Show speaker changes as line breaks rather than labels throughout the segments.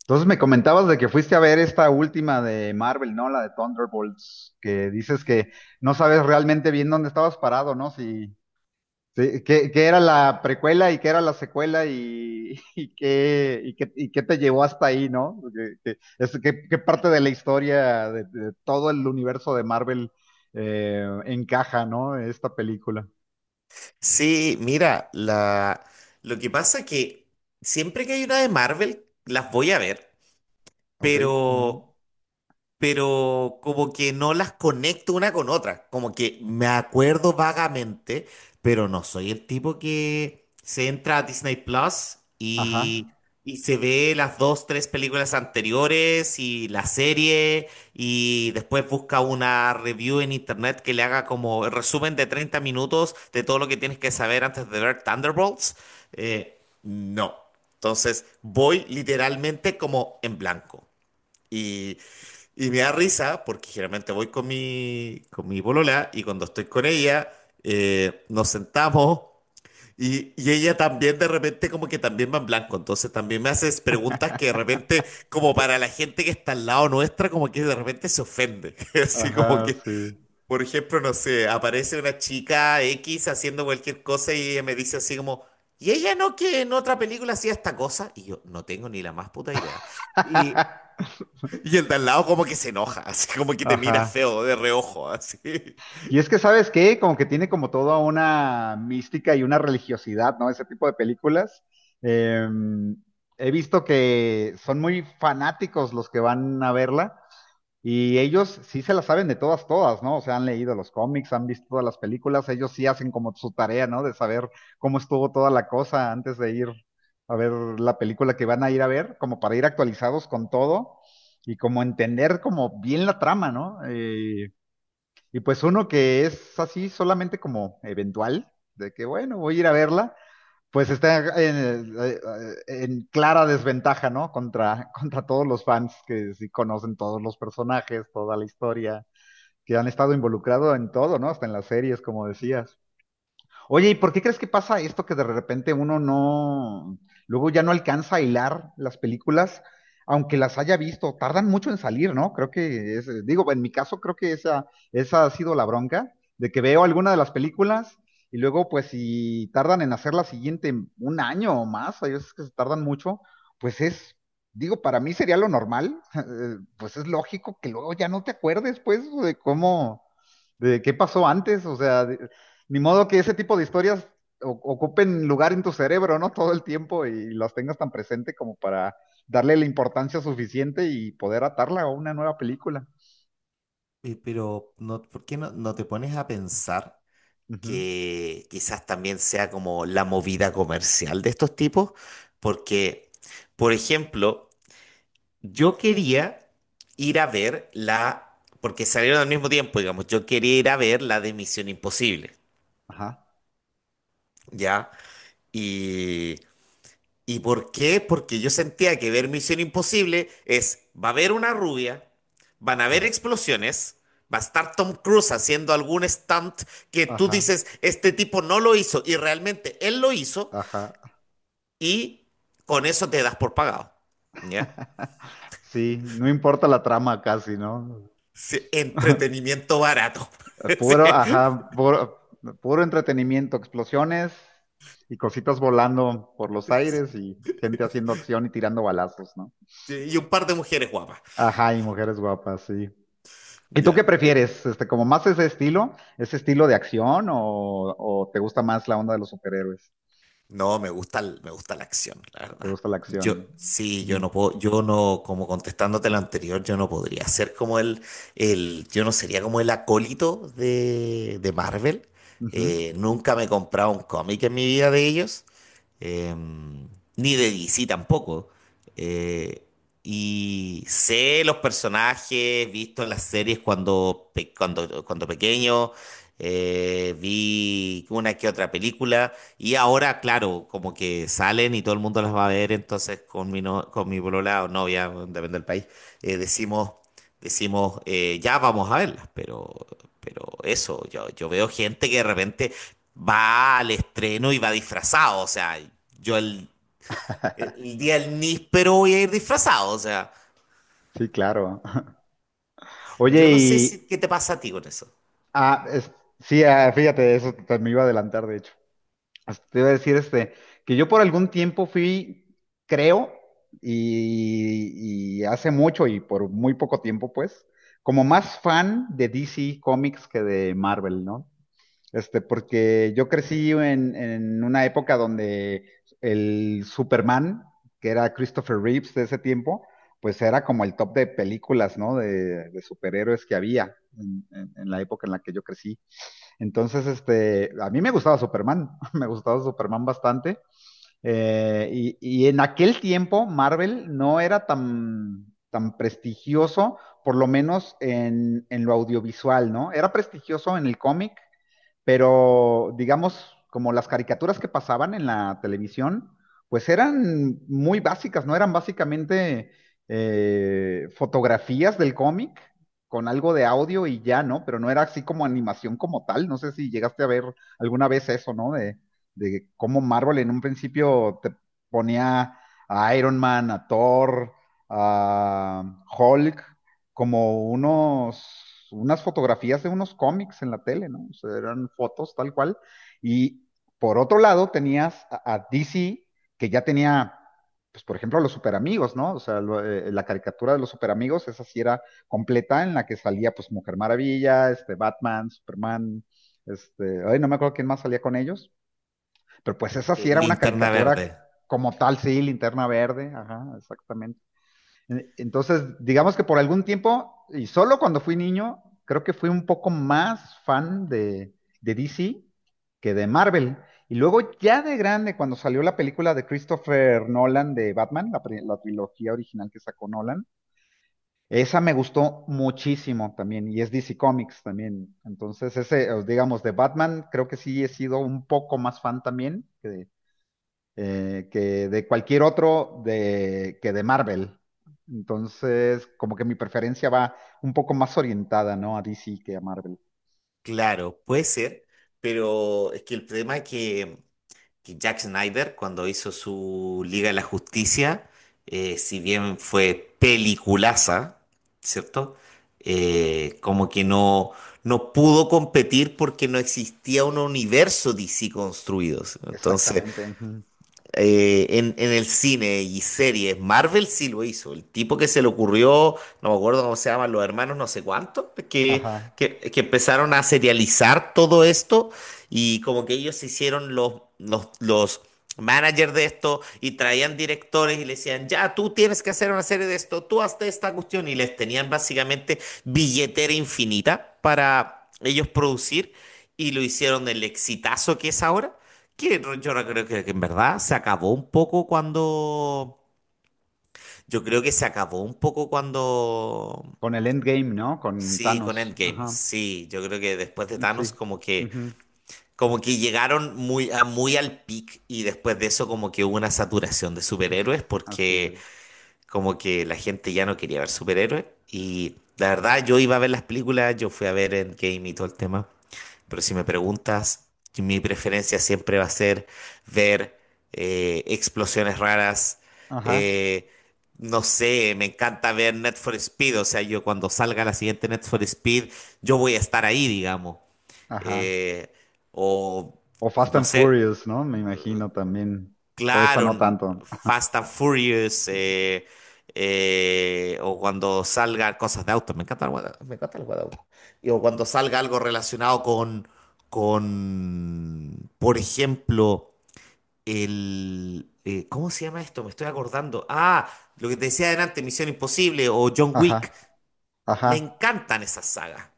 Entonces me comentabas de que fuiste a ver esta última de Marvel, ¿no? La de Thunderbolts, que dices que no sabes realmente bien dónde estabas parado, ¿no? Qué era la precuela y qué era la secuela y qué te llevó hasta ahí, ¿no? Qué parte de la historia de todo el universo de Marvel encaja, ¿no? Esta película.
Sí, mira, la... lo que pasa que siempre que hay una de Marvel, las voy a ver,
Ok. mm,
pero como que no las conecto una con otra. Como que me acuerdo vagamente, pero no soy el tipo que se entra a Disney Plus
Ajá.
y, se ve las dos, tres películas anteriores y la serie y después busca una review en internet que le haga como el resumen de 30 minutos de todo lo que tienes que saber antes de ver Thunderbolts. No. Entonces voy literalmente como en blanco y y me da risa porque generalmente voy con con mi polola y cuando estoy con ella nos sentamos y, ella también de repente como que también va en blanco. Entonces también me haces preguntas que de repente como para la gente que está al lado nuestra como que de repente se ofende. Así como
Ajá,
que,
sí.
por ejemplo, no sé, aparece una chica X haciendo cualquier cosa y ella me dice así como... Y ella no que en otra película hacía esta cosa y yo no tengo ni la más puta idea. Y el de al lado como que se enoja, así como que te mira
Ajá.
feo de reojo, así.
Y es que, ¿sabes qué? Como que tiene como toda una mística y una religiosidad, ¿no? Ese tipo de películas. Eh, He visto que son muy fanáticos los que van a verla y ellos sí se la saben de todas, todas, ¿no? O sea, han leído los cómics, han visto todas las películas, ellos sí hacen como su tarea, ¿no? De saber cómo estuvo toda la cosa antes de ir a ver la película que van a ir a ver, como para ir actualizados con todo y como entender como bien la trama, ¿no? Y pues uno que es así solamente como eventual, de que bueno, voy a ir a verla, pues está en clara desventaja, ¿no? Contra, contra todos los fans que sí conocen todos los personajes, toda la historia, que han estado involucrados en todo, ¿no? Hasta en las series, como decías. Oye, ¿y por qué crees que pasa esto que de repente uno no, luego ya no alcanza a hilar las películas, aunque las haya visto? Tardan mucho en salir, ¿no? Creo que es, digo, en mi caso creo que esa ha sido la bronca, de que veo alguna de las películas y luego pues si tardan en hacer la siguiente un año o más, hay veces que se tardan mucho, pues es, digo, para mí sería lo normal, pues es lógico que luego ya no te acuerdes pues de cómo de qué pasó antes, o sea, ni modo que ese tipo de historias ocupen lugar en tu cerebro, ¿no? Todo el tiempo y las tengas tan presente como para darle la importancia suficiente y poder atarla a una nueva película.
Pero, no, ¿por qué no te pones a pensar
Ujú.
que quizás también sea como la movida comercial de estos tipos? Porque, por ejemplo, yo quería ir a ver la, porque salieron al mismo tiempo, digamos, yo quería ir a ver la de Misión Imposible,
Ajá,
¿ya? Y ¿Y por qué? Porque yo sentía que ver Misión Imposible es, va a haber una rubia, van a haber explosiones, va a estar Tom Cruise haciendo algún stunt que tú
ajá,
dices, este tipo no lo hizo y realmente él lo hizo
ajá.
y con eso te das por pagado. ¿Ya?
Sí, no importa la trama casi, ¿no?
Sí, entretenimiento barato. Sí,
Puro, ajá, puro, puro entretenimiento, explosiones y cositas volando por los aires y gente haciendo acción y tirando balazos, ¿no?
sí, y un par de mujeres guapas.
Ajá, y mujeres guapas, sí. ¿Y tú qué
Ya.
prefieres? Este, como más ese estilo de acción o, ¿o te gusta más la onda de los superhéroes?
No, me gusta, me gusta la acción, la
¿Te
verdad.
gusta la
Yo,
acción?
sí,
Mm,
yo no, como contestándote lo anterior, yo no podría ser como yo no sería como el acólito de, Marvel.
ujú.
Nunca me he comprado un cómic en mi vida de ellos, eh, ni de DC tampoco. Eh, y sé los personajes, visto en las series cuando, cuando pequeño, vi una que otra película, y ahora, claro, como que salen y todo el mundo las va a ver, entonces con mi, no- con mi polola o novia, depende del país, decimos... Decimos, ya vamos a verlas, pero, eso, yo veo gente que de repente va al estreno y va disfrazado, o sea, yo el, el día del níspero voy a ir disfrazado, o sea,
Sí, claro. Oye,
yo no sé si, qué te pasa a ti con eso.
ah, es- sí, ah, fíjate, eso te, me iba a adelantar, de hecho. Hasta te iba a decir este, que yo por algún tiempo fui, creo, y hace mucho y por muy poco tiempo, pues, como más fan de DC Comics que de Marvel, ¿no? Este, porque yo crecí en una época donde el Superman, que era Christopher Reeves de ese tiempo, pues era como el top de películas, ¿no? De superhéroes que había en la época en la que yo crecí. Entonces, este, a mí me gustaba Superman, me gustaba Superman bastante. Y, y en aquel tiempo Marvel no era tan, tan prestigioso, por lo menos en lo audiovisual, ¿no? Era prestigioso en el cómic, pero digamos, como las caricaturas que pasaban en la televisión, pues eran muy básicas, ¿no? Eran básicamente fotografías del cómic con algo de audio y ya, ¿no? Pero no era así como animación como tal. No sé si llegaste a ver alguna vez eso, ¿no? De cómo Marvel en un principio te ponía a Iron Man, a Thor, a Hulk, como unas fotografías de unos cómics en la tele, ¿no? O sea, eran fotos tal cual. Y por otro lado tenías a DC, que ya tenía, pues por ejemplo, a los superamigos, ¿no? O sea, la caricatura de los superamigos, esa sí era completa, en la que salía pues Mujer Maravilla, este, Batman, Superman, este, ay, no me acuerdo quién más salía con ellos, pero pues esa sí era una
Linterna
caricatura
verde,
como tal, sí, Linterna Verde, ajá, exactamente. Entonces, digamos que por algún tiempo, y solo cuando fui niño, creo que fui un poco más fan de DC que de Marvel. Y luego ya de grande, cuando salió la película de Christopher Nolan de Batman, la trilogía original que sacó Nolan, esa me gustó muchísimo también, y es DC Comics también. Entonces, ese, digamos, de Batman, creo que sí he sido un poco más fan también que de cualquier otro de, que de Marvel. Entonces, como que mi preferencia va un poco más orientada, ¿no? A DC que a Marvel.
claro, puede ser, pero es que el problema es que Jack Snyder, cuando hizo su Liga de la Justicia, si bien fue peliculaza, ¿cierto? Como que no, no pudo competir porque no existía un universo DC construido. ¿Sí? Entonces,
Exactamente. Ujú.
en el cine y series, Marvel sí lo hizo. El tipo que se le ocurrió, no me acuerdo cómo se llaman, los hermanos no sé cuánto,
Ajá.
que empezaron a serializar todo esto y como que ellos se hicieron los managers de esto y traían directores y le decían, ya, tú tienes que hacer una serie de esto, tú hazte esta cuestión y les tenían básicamente billetera infinita para ellos producir y lo hicieron el exitazo que es ahora. Que no- yo no creo que en verdad se acabó un poco cuando. Yo creo que se acabó un poco cuando.
Con el Endgame, ¿no? Con
Sí, con
Thanos.
Endgame.
Ajá.
Sí, yo creo que después de
Sí.
Thanos como que
Ujú,
llegaron muy al peak y después de eso como que hubo una saturación de superhéroes
así
porque
es.
como que la gente ya no quería ver superhéroes y la verdad yo iba a ver las películas, yo fui a ver Endgame y todo el tema. Pero si me preguntas, mi preferencia siempre va a ser ver, explosiones raras.
Ajá.
eh, no sé, me encanta ver Net for Speed. O sea, yo cuando salga la siguiente Net for Speed, yo voy a estar ahí, digamos.
Ajá.
Eh, o
O Fast
no
and
sé.
Furious, ¿no? Me imagino también. O esa
Claro,
no tanto.
Fast and Furious, o cuando salgan cosas de autos, me encanta me encanta el guada. Y o cuando salga algo relacionado con, por ejemplo, ¿cómo se llama esto? Me estoy acordando. Ah, lo que te decía adelante, Misión Imposible o John
Ajá.
Wick. Me
Ajá.
encantan esas sagas,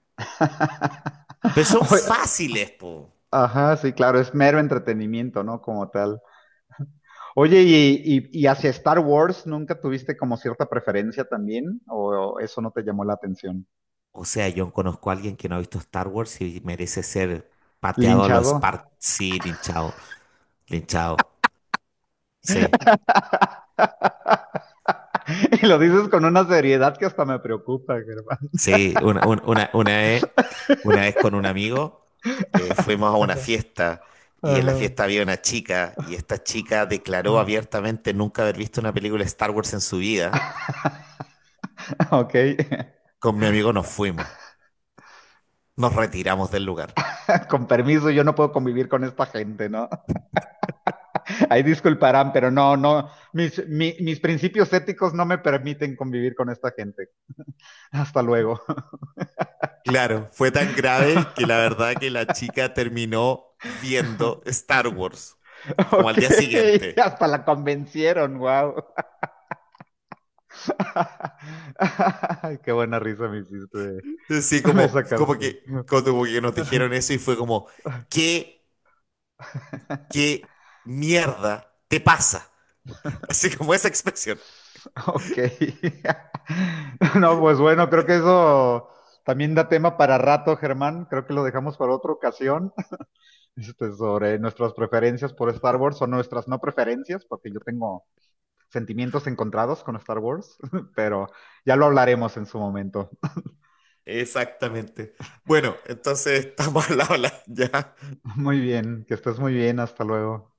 pero son
Oye,
fáciles, po.
Ajá, sí, claro, es mero entretenimiento, ¿no? Como tal. Oye, y hacia Star Wars nunca tuviste como cierta preferencia también? ¿O eso no te llamó la atención?
O sea, yo conozco a alguien que no ha visto Star Wars y merece ser pateado a los
¿Linchado?
Spartans. Sí, linchado, linchado. Sí,
Y lo dices con una seriedad que hasta me preocupa,
sí, una vez con un amigo, fuimos a una fiesta y en la
Germán.
fiesta había una chica y esta chica declaró
Ajá.
abiertamente nunca haber visto una película de Star Wars en su vida.
Ok,
Con mi amigo nos fuimos, nos retiramos del lugar.
con permiso, yo no puedo convivir con esta gente, ¿no? Ahí disculparán, pero no, no, mis principios éticos no me permiten convivir con esta gente. Hasta luego.
Claro, fue tan grave que la verdad que la chica terminó viendo Star Wars, como al
Ok,
día siguiente.
hasta la convencieron, wow. Qué buena risa me hiciste.
Sí,
Me sacaste.
como que nos dijeron eso y fue como, ¿qué, qué mierda te pasa? Así como esa expresión.
Ok. No, pues bueno, creo que eso también da tema para rato, Germán. Creo que lo dejamos para otra ocasión. Este, sobre nuestras preferencias por Star Wars o nuestras no preferencias, porque yo tengo sentimientos encontrados con Star Wars, pero ya lo hablaremos en su momento.
Exactamente. Bueno, entonces estamos al habla, ya.
Muy bien, que estés muy bien. Hasta luego.